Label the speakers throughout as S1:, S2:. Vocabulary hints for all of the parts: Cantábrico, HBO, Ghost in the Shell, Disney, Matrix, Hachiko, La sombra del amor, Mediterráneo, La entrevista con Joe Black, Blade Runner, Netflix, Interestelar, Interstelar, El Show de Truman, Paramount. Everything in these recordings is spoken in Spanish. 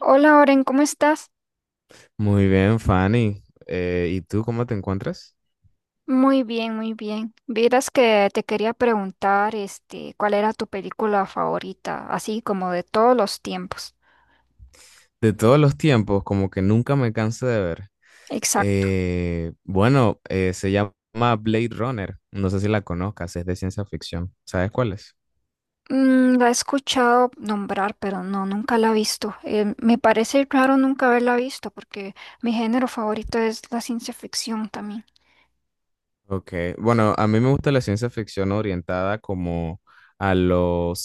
S1: Hola, Oren, ¿cómo estás?
S2: Muy bien, Fanny. ¿Y tú cómo te encuentras?
S1: Muy bien, muy bien. Vieras que te quería preguntar, ¿cuál era tu película favorita? Así como de todos los tiempos.
S2: De todos los tiempos, como que nunca me canso de ver.
S1: Exacto.
S2: Bueno, se llama Blade Runner. No sé si la conozcas, es de ciencia ficción. ¿Sabes cuál es?
S1: La he escuchado nombrar, pero no, nunca la he visto. Me parece raro nunca haberla visto, porque mi género favorito es la ciencia ficción también.
S2: Ok, bueno, a mí me gusta la ciencia ficción orientada como a los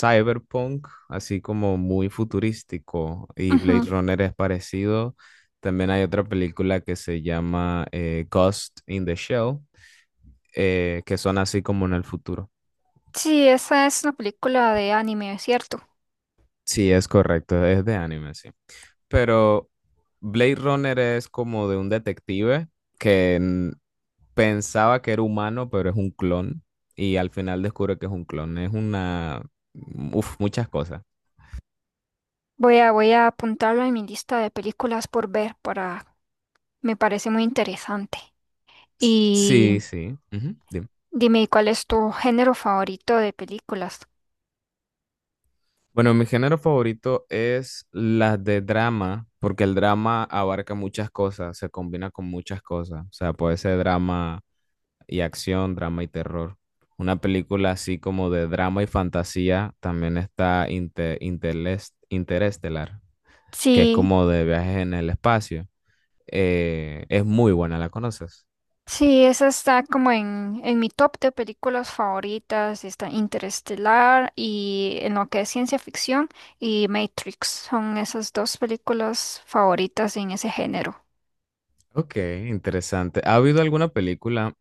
S2: cyberpunk, así como muy futurístico, y Blade
S1: Ujú.
S2: Runner es parecido. También hay otra película que se llama Ghost in the Shell, que son así como en el futuro.
S1: Sí, esa es una película de anime, ¿cierto?
S2: Sí, es correcto, es de anime, sí. Pero Blade Runner es como de un detective que pensaba que era humano, pero es un clon y al final descubre que es un clon. Es una, uf, muchas cosas.
S1: Voy a apuntarla en mi lista de películas por ver, para, me parece muy interesante.
S2: Sí,
S1: Y
S2: sí. Ujú, dime.
S1: dime, ¿cuál es tu género favorito de películas?
S2: Bueno, mi género favorito es las de drama, porque el drama abarca muchas cosas, se combina con muchas cosas. O sea, puede ser drama y acción, drama y terror. Una película así como de drama y fantasía también está Interestelar, que es
S1: Sí,
S2: como de viajes en el espacio. Es muy buena, ¿la conoces?
S1: sí, esa está como en mi top de películas favoritas. Está Interestelar y en lo que es ciencia ficción y Matrix. Son esas dos películas favoritas en ese género.
S2: Ok, interesante. ¿Ha habido alguna película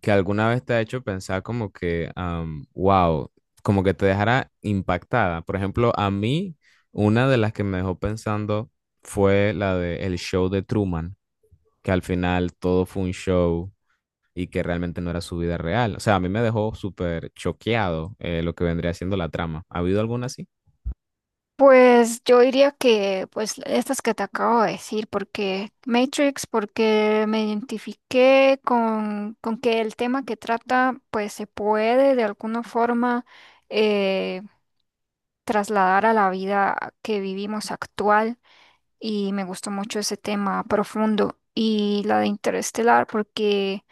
S2: que alguna vez te ha hecho pensar como que, wow, como que te dejara impactada? Por ejemplo, a mí, una de las que me dejó pensando fue la de El Show de Truman, que al final todo fue un show y que realmente no era su vida real. O sea, a mí me dejó súper choqueado lo que vendría siendo la trama. ¿Ha habido alguna así?
S1: Pues yo diría que pues estas que te acabo de decir, porque Matrix, porque me identifiqué con que el tema que trata pues se puede de alguna forma eh, trasladar a la vida que vivimos actual, y me gustó mucho ese tema profundo, y la de Interestelar porque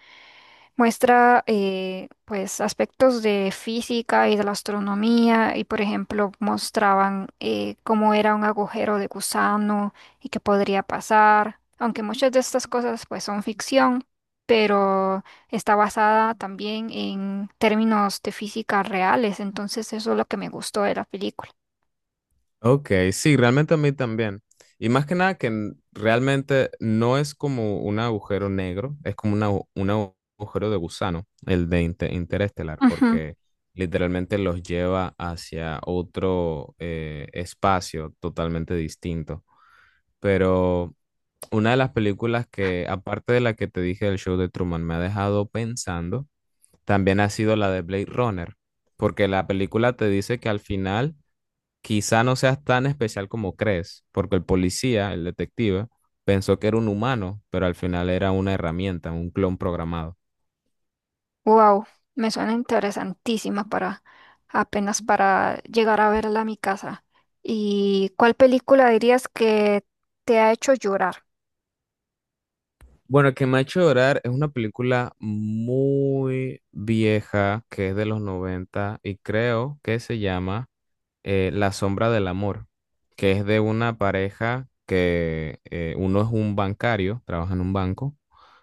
S1: muestra pues aspectos de física y de la astronomía, y por ejemplo mostraban cómo era un agujero de gusano y qué podría pasar, aunque muchas de estas cosas pues son ficción, pero está basada también en términos de física reales. Entonces eso es lo que me gustó de la película.
S2: Ok, sí, realmente a mí también. Y más que nada que realmente no es como un agujero negro, es como una agu- un agu- agujero de gusano, el de interestelar,
S1: Ujú.
S2: porque literalmente los lleva hacia otro espacio totalmente distinto. Pero una de las películas que, aparte de la que te dije del show de Truman, me ha dejado pensando, también ha sido la de Blade Runner, porque la película te dice que al final quizá no seas tan especial como crees, porque el policía, el detective, pensó que era un humano, pero al final era una herramienta, un clon programado.
S1: Wow, me suena interesantísima para apenas para llegar a verla a mi casa. ¿Y cuál película dirías que te ha hecho llorar?
S2: Bueno, que me ha hecho llorar es una película muy vieja que es de los 90 y creo que se llama La sombra del amor, que es de una pareja que uno es un bancario, trabaja en un banco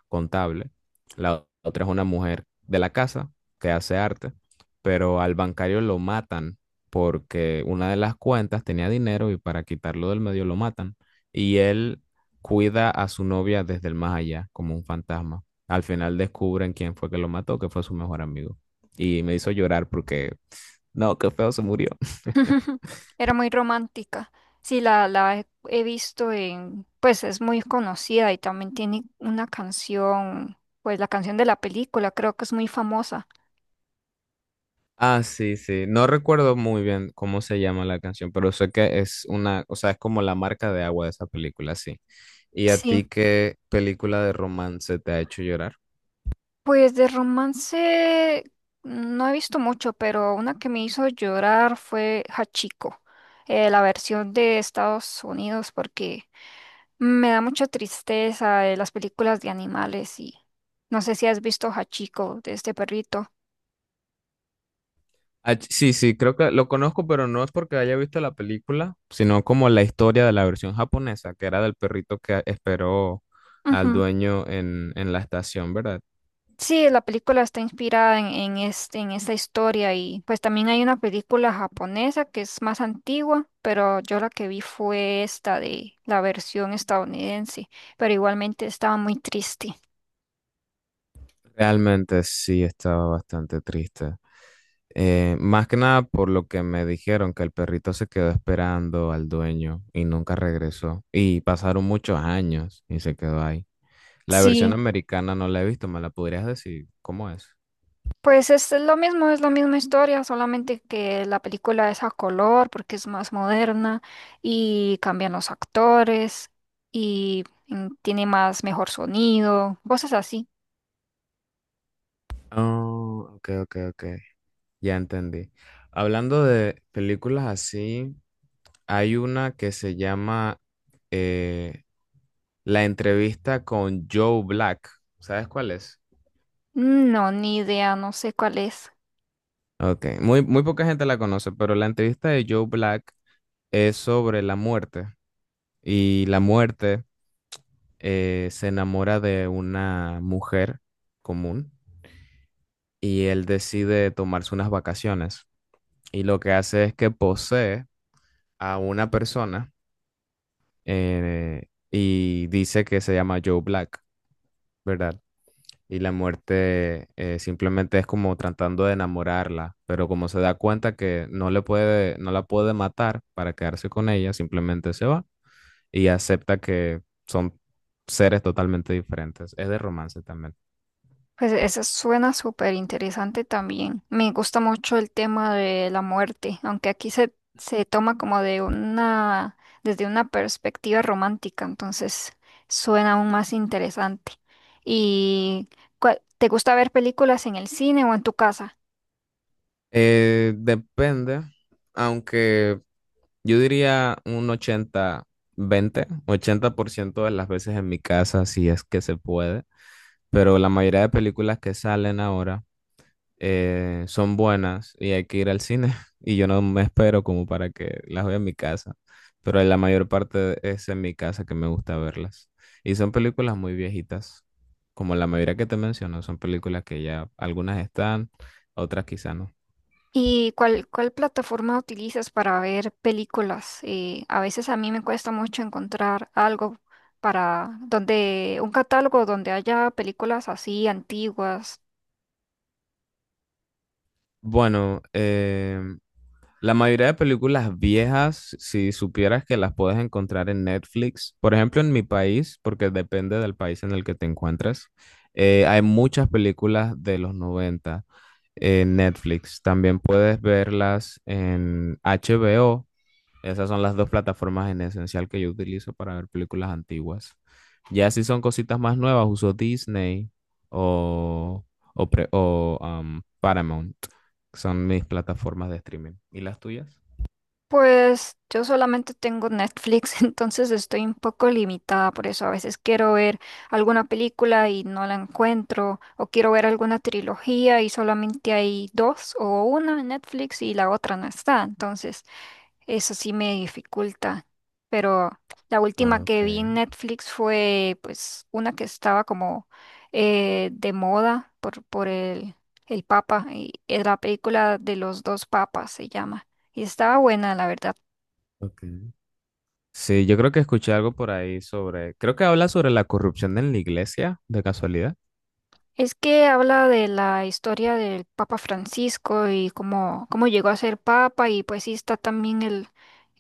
S2: contable, la otra es una mujer de la casa que hace arte, pero al bancario lo matan porque una de las cuentas tenía dinero y para quitarlo del medio lo matan. Y él cuida a su novia desde el más allá, como un fantasma. Al final descubren quién fue que lo mató, que fue su mejor amigo. Y me hizo llorar porque, no, qué feo se murió.
S1: Era muy romántica. Sí, la he visto en, pues es muy conocida, y también tiene una canción, pues la canción de la película, creo que es muy famosa.
S2: Ah, sí, sí. No recuerdo muy bien cómo se llama la canción, pero sé que es una, o sea, es como la marca de agua de esa película, sí. ¿Y a
S1: Sí.
S2: ti qué película de romance te ha hecho llorar?
S1: Pues de romance no he visto mucho, pero una que me hizo llorar fue Hachiko, la versión de Estados Unidos, porque me da mucha tristeza las películas de animales, y no sé si has visto Hachiko de este perrito.
S2: Ah, sí, sí, creo que lo conozco, pero no es porque haya visto la película, sino como la historia de la versión japonesa, que era del perrito que esperó al
S1: Ujú.
S2: dueño en la estación, ¿verdad?
S1: Sí, la película está inspirada en esta historia, y pues también hay una película japonesa que es más antigua, pero yo la que vi fue esta de la versión estadounidense, pero igualmente estaba muy triste.
S2: Realmente sí estaba bastante triste. Más que nada por lo que me dijeron que el perrito se quedó esperando al dueño y nunca regresó. Y pasaron muchos años y se quedó ahí. La versión
S1: Sí,
S2: americana no la he visto, ¿me la podrías decir? ¿Cómo es?
S1: pues es lo mismo, es la misma historia, solamente que la película es a color porque es más moderna, y cambian los actores y tiene más mejor sonido, cosas así.
S2: Oh, ok, ok, ok. Ya entendí. Hablando de películas así, hay una que se llama eh, La entrevista con Joe Black. ¿Sabes cuál es?
S1: No, ni idea, no sé cuál es.
S2: Ok, muy, muy poca gente la conoce, pero la entrevista de Joe Black es sobre la muerte y la muerte se enamora de una mujer común y él decide tomarse unas vacaciones y lo que hace es que posee a una persona y dice que se llama Joe Black, ¿verdad? Y la muerte simplemente es como tratando de enamorarla, pero como se da cuenta que no le puede, no la puede matar para quedarse con ella, simplemente se va y acepta que son seres totalmente diferentes. Es de romance también.
S1: Pues eso suena súper interesante también. Me gusta mucho el tema de la muerte, aunque aquí se, se toma como de una, desde una perspectiva romántica, entonces suena aún más interesante. ¿Y cuál- te gusta ver películas en el cine o en tu casa?
S2: Depende, aunque yo diría un ochenta 20-80% de las veces en mi casa, si es que se puede, pero la mayoría de películas que salen ahora son buenas y hay que ir al cine y yo no me espero como para que las vea en mi casa, pero la mayor parte es en mi casa que me gusta verlas. Y son películas muy viejitas, como la mayoría que te menciono, son películas que ya algunas están, otras quizá no.
S1: ¿Y cuál, cuál plataforma utilizas para ver películas? A veces a mí me cuesta mucho encontrar algo para donde un catálogo donde haya películas así antiguas.
S2: Bueno, la mayoría de películas viejas, si supieras que las puedes encontrar en Netflix, por ejemplo en mi país, porque depende del país en el que te encuentres, hay muchas películas de los 90 en Netflix. También puedes verlas en HBO. Esas son las dos plataformas en esencial que yo utilizo para ver películas antiguas. Ya si son cositas más nuevas, uso Disney o, o Paramount, que son mis plataformas de streaming. ¿Y las tuyas?
S1: Pues yo solamente tengo Netflix, entonces estoy un poco limitada por eso. A veces quiero ver alguna película y no la encuentro, o quiero ver alguna trilogía y solamente hay dos o una en Netflix y la otra no está. Entonces eso sí me dificulta, pero la
S2: Ah,
S1: última
S2: ok,
S1: que vi en Netflix fue pues una que estaba como de moda por el Papa, y es la película de los dos papas se llama, y estaba buena la verdad.
S2: ok. Sí, yo creo que escuché algo por ahí sobre, creo que habla sobre la corrupción en la iglesia, de casualidad.
S1: Es que habla de la historia del Papa Francisco y cómo, cómo llegó a ser Papa, y pues sí está también el,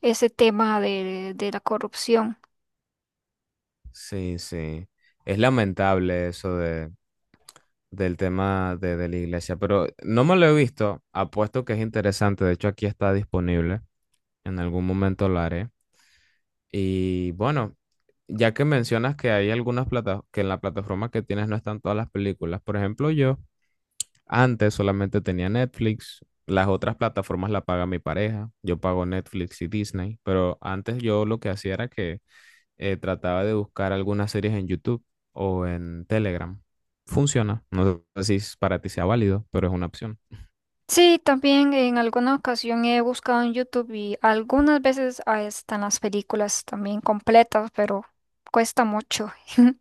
S1: ese tema de la corrupción.
S2: Sí, sí. Es lamentable eso de, del tema de la iglesia, pero no me lo he visto. Apuesto que es interesante. De hecho, aquí está disponible. En algún momento lo haré. Y bueno, ya que mencionas que hay algunas plata que en la plataforma que tienes no están todas las películas. Por ejemplo, yo antes solamente tenía Netflix. Las otras plataformas la paga mi pareja. Yo pago Netflix y Disney. Pero antes yo lo que hacía era que trataba de buscar algunas series en YouTube o en Telegram. Funciona. No sé si para ti sea válido, pero es una opción.
S1: Sí, también en alguna ocasión he buscado en YouTube, y algunas veces ah, están las películas también completas, pero cuesta mucho.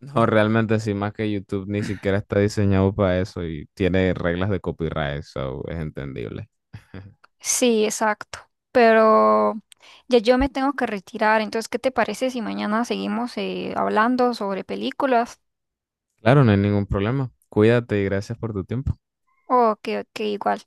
S2: No, realmente sí, más que YouTube ni siquiera está diseñado para eso y tiene reglas de copyright, so es entendible.
S1: Sí, exacto. Pero ya yo me tengo que retirar. Entonces, ¿qué te parece si mañana seguimos hablando sobre películas?
S2: Claro, no hay ningún problema. Cuídate y gracias por tu tiempo.
S1: O que igual.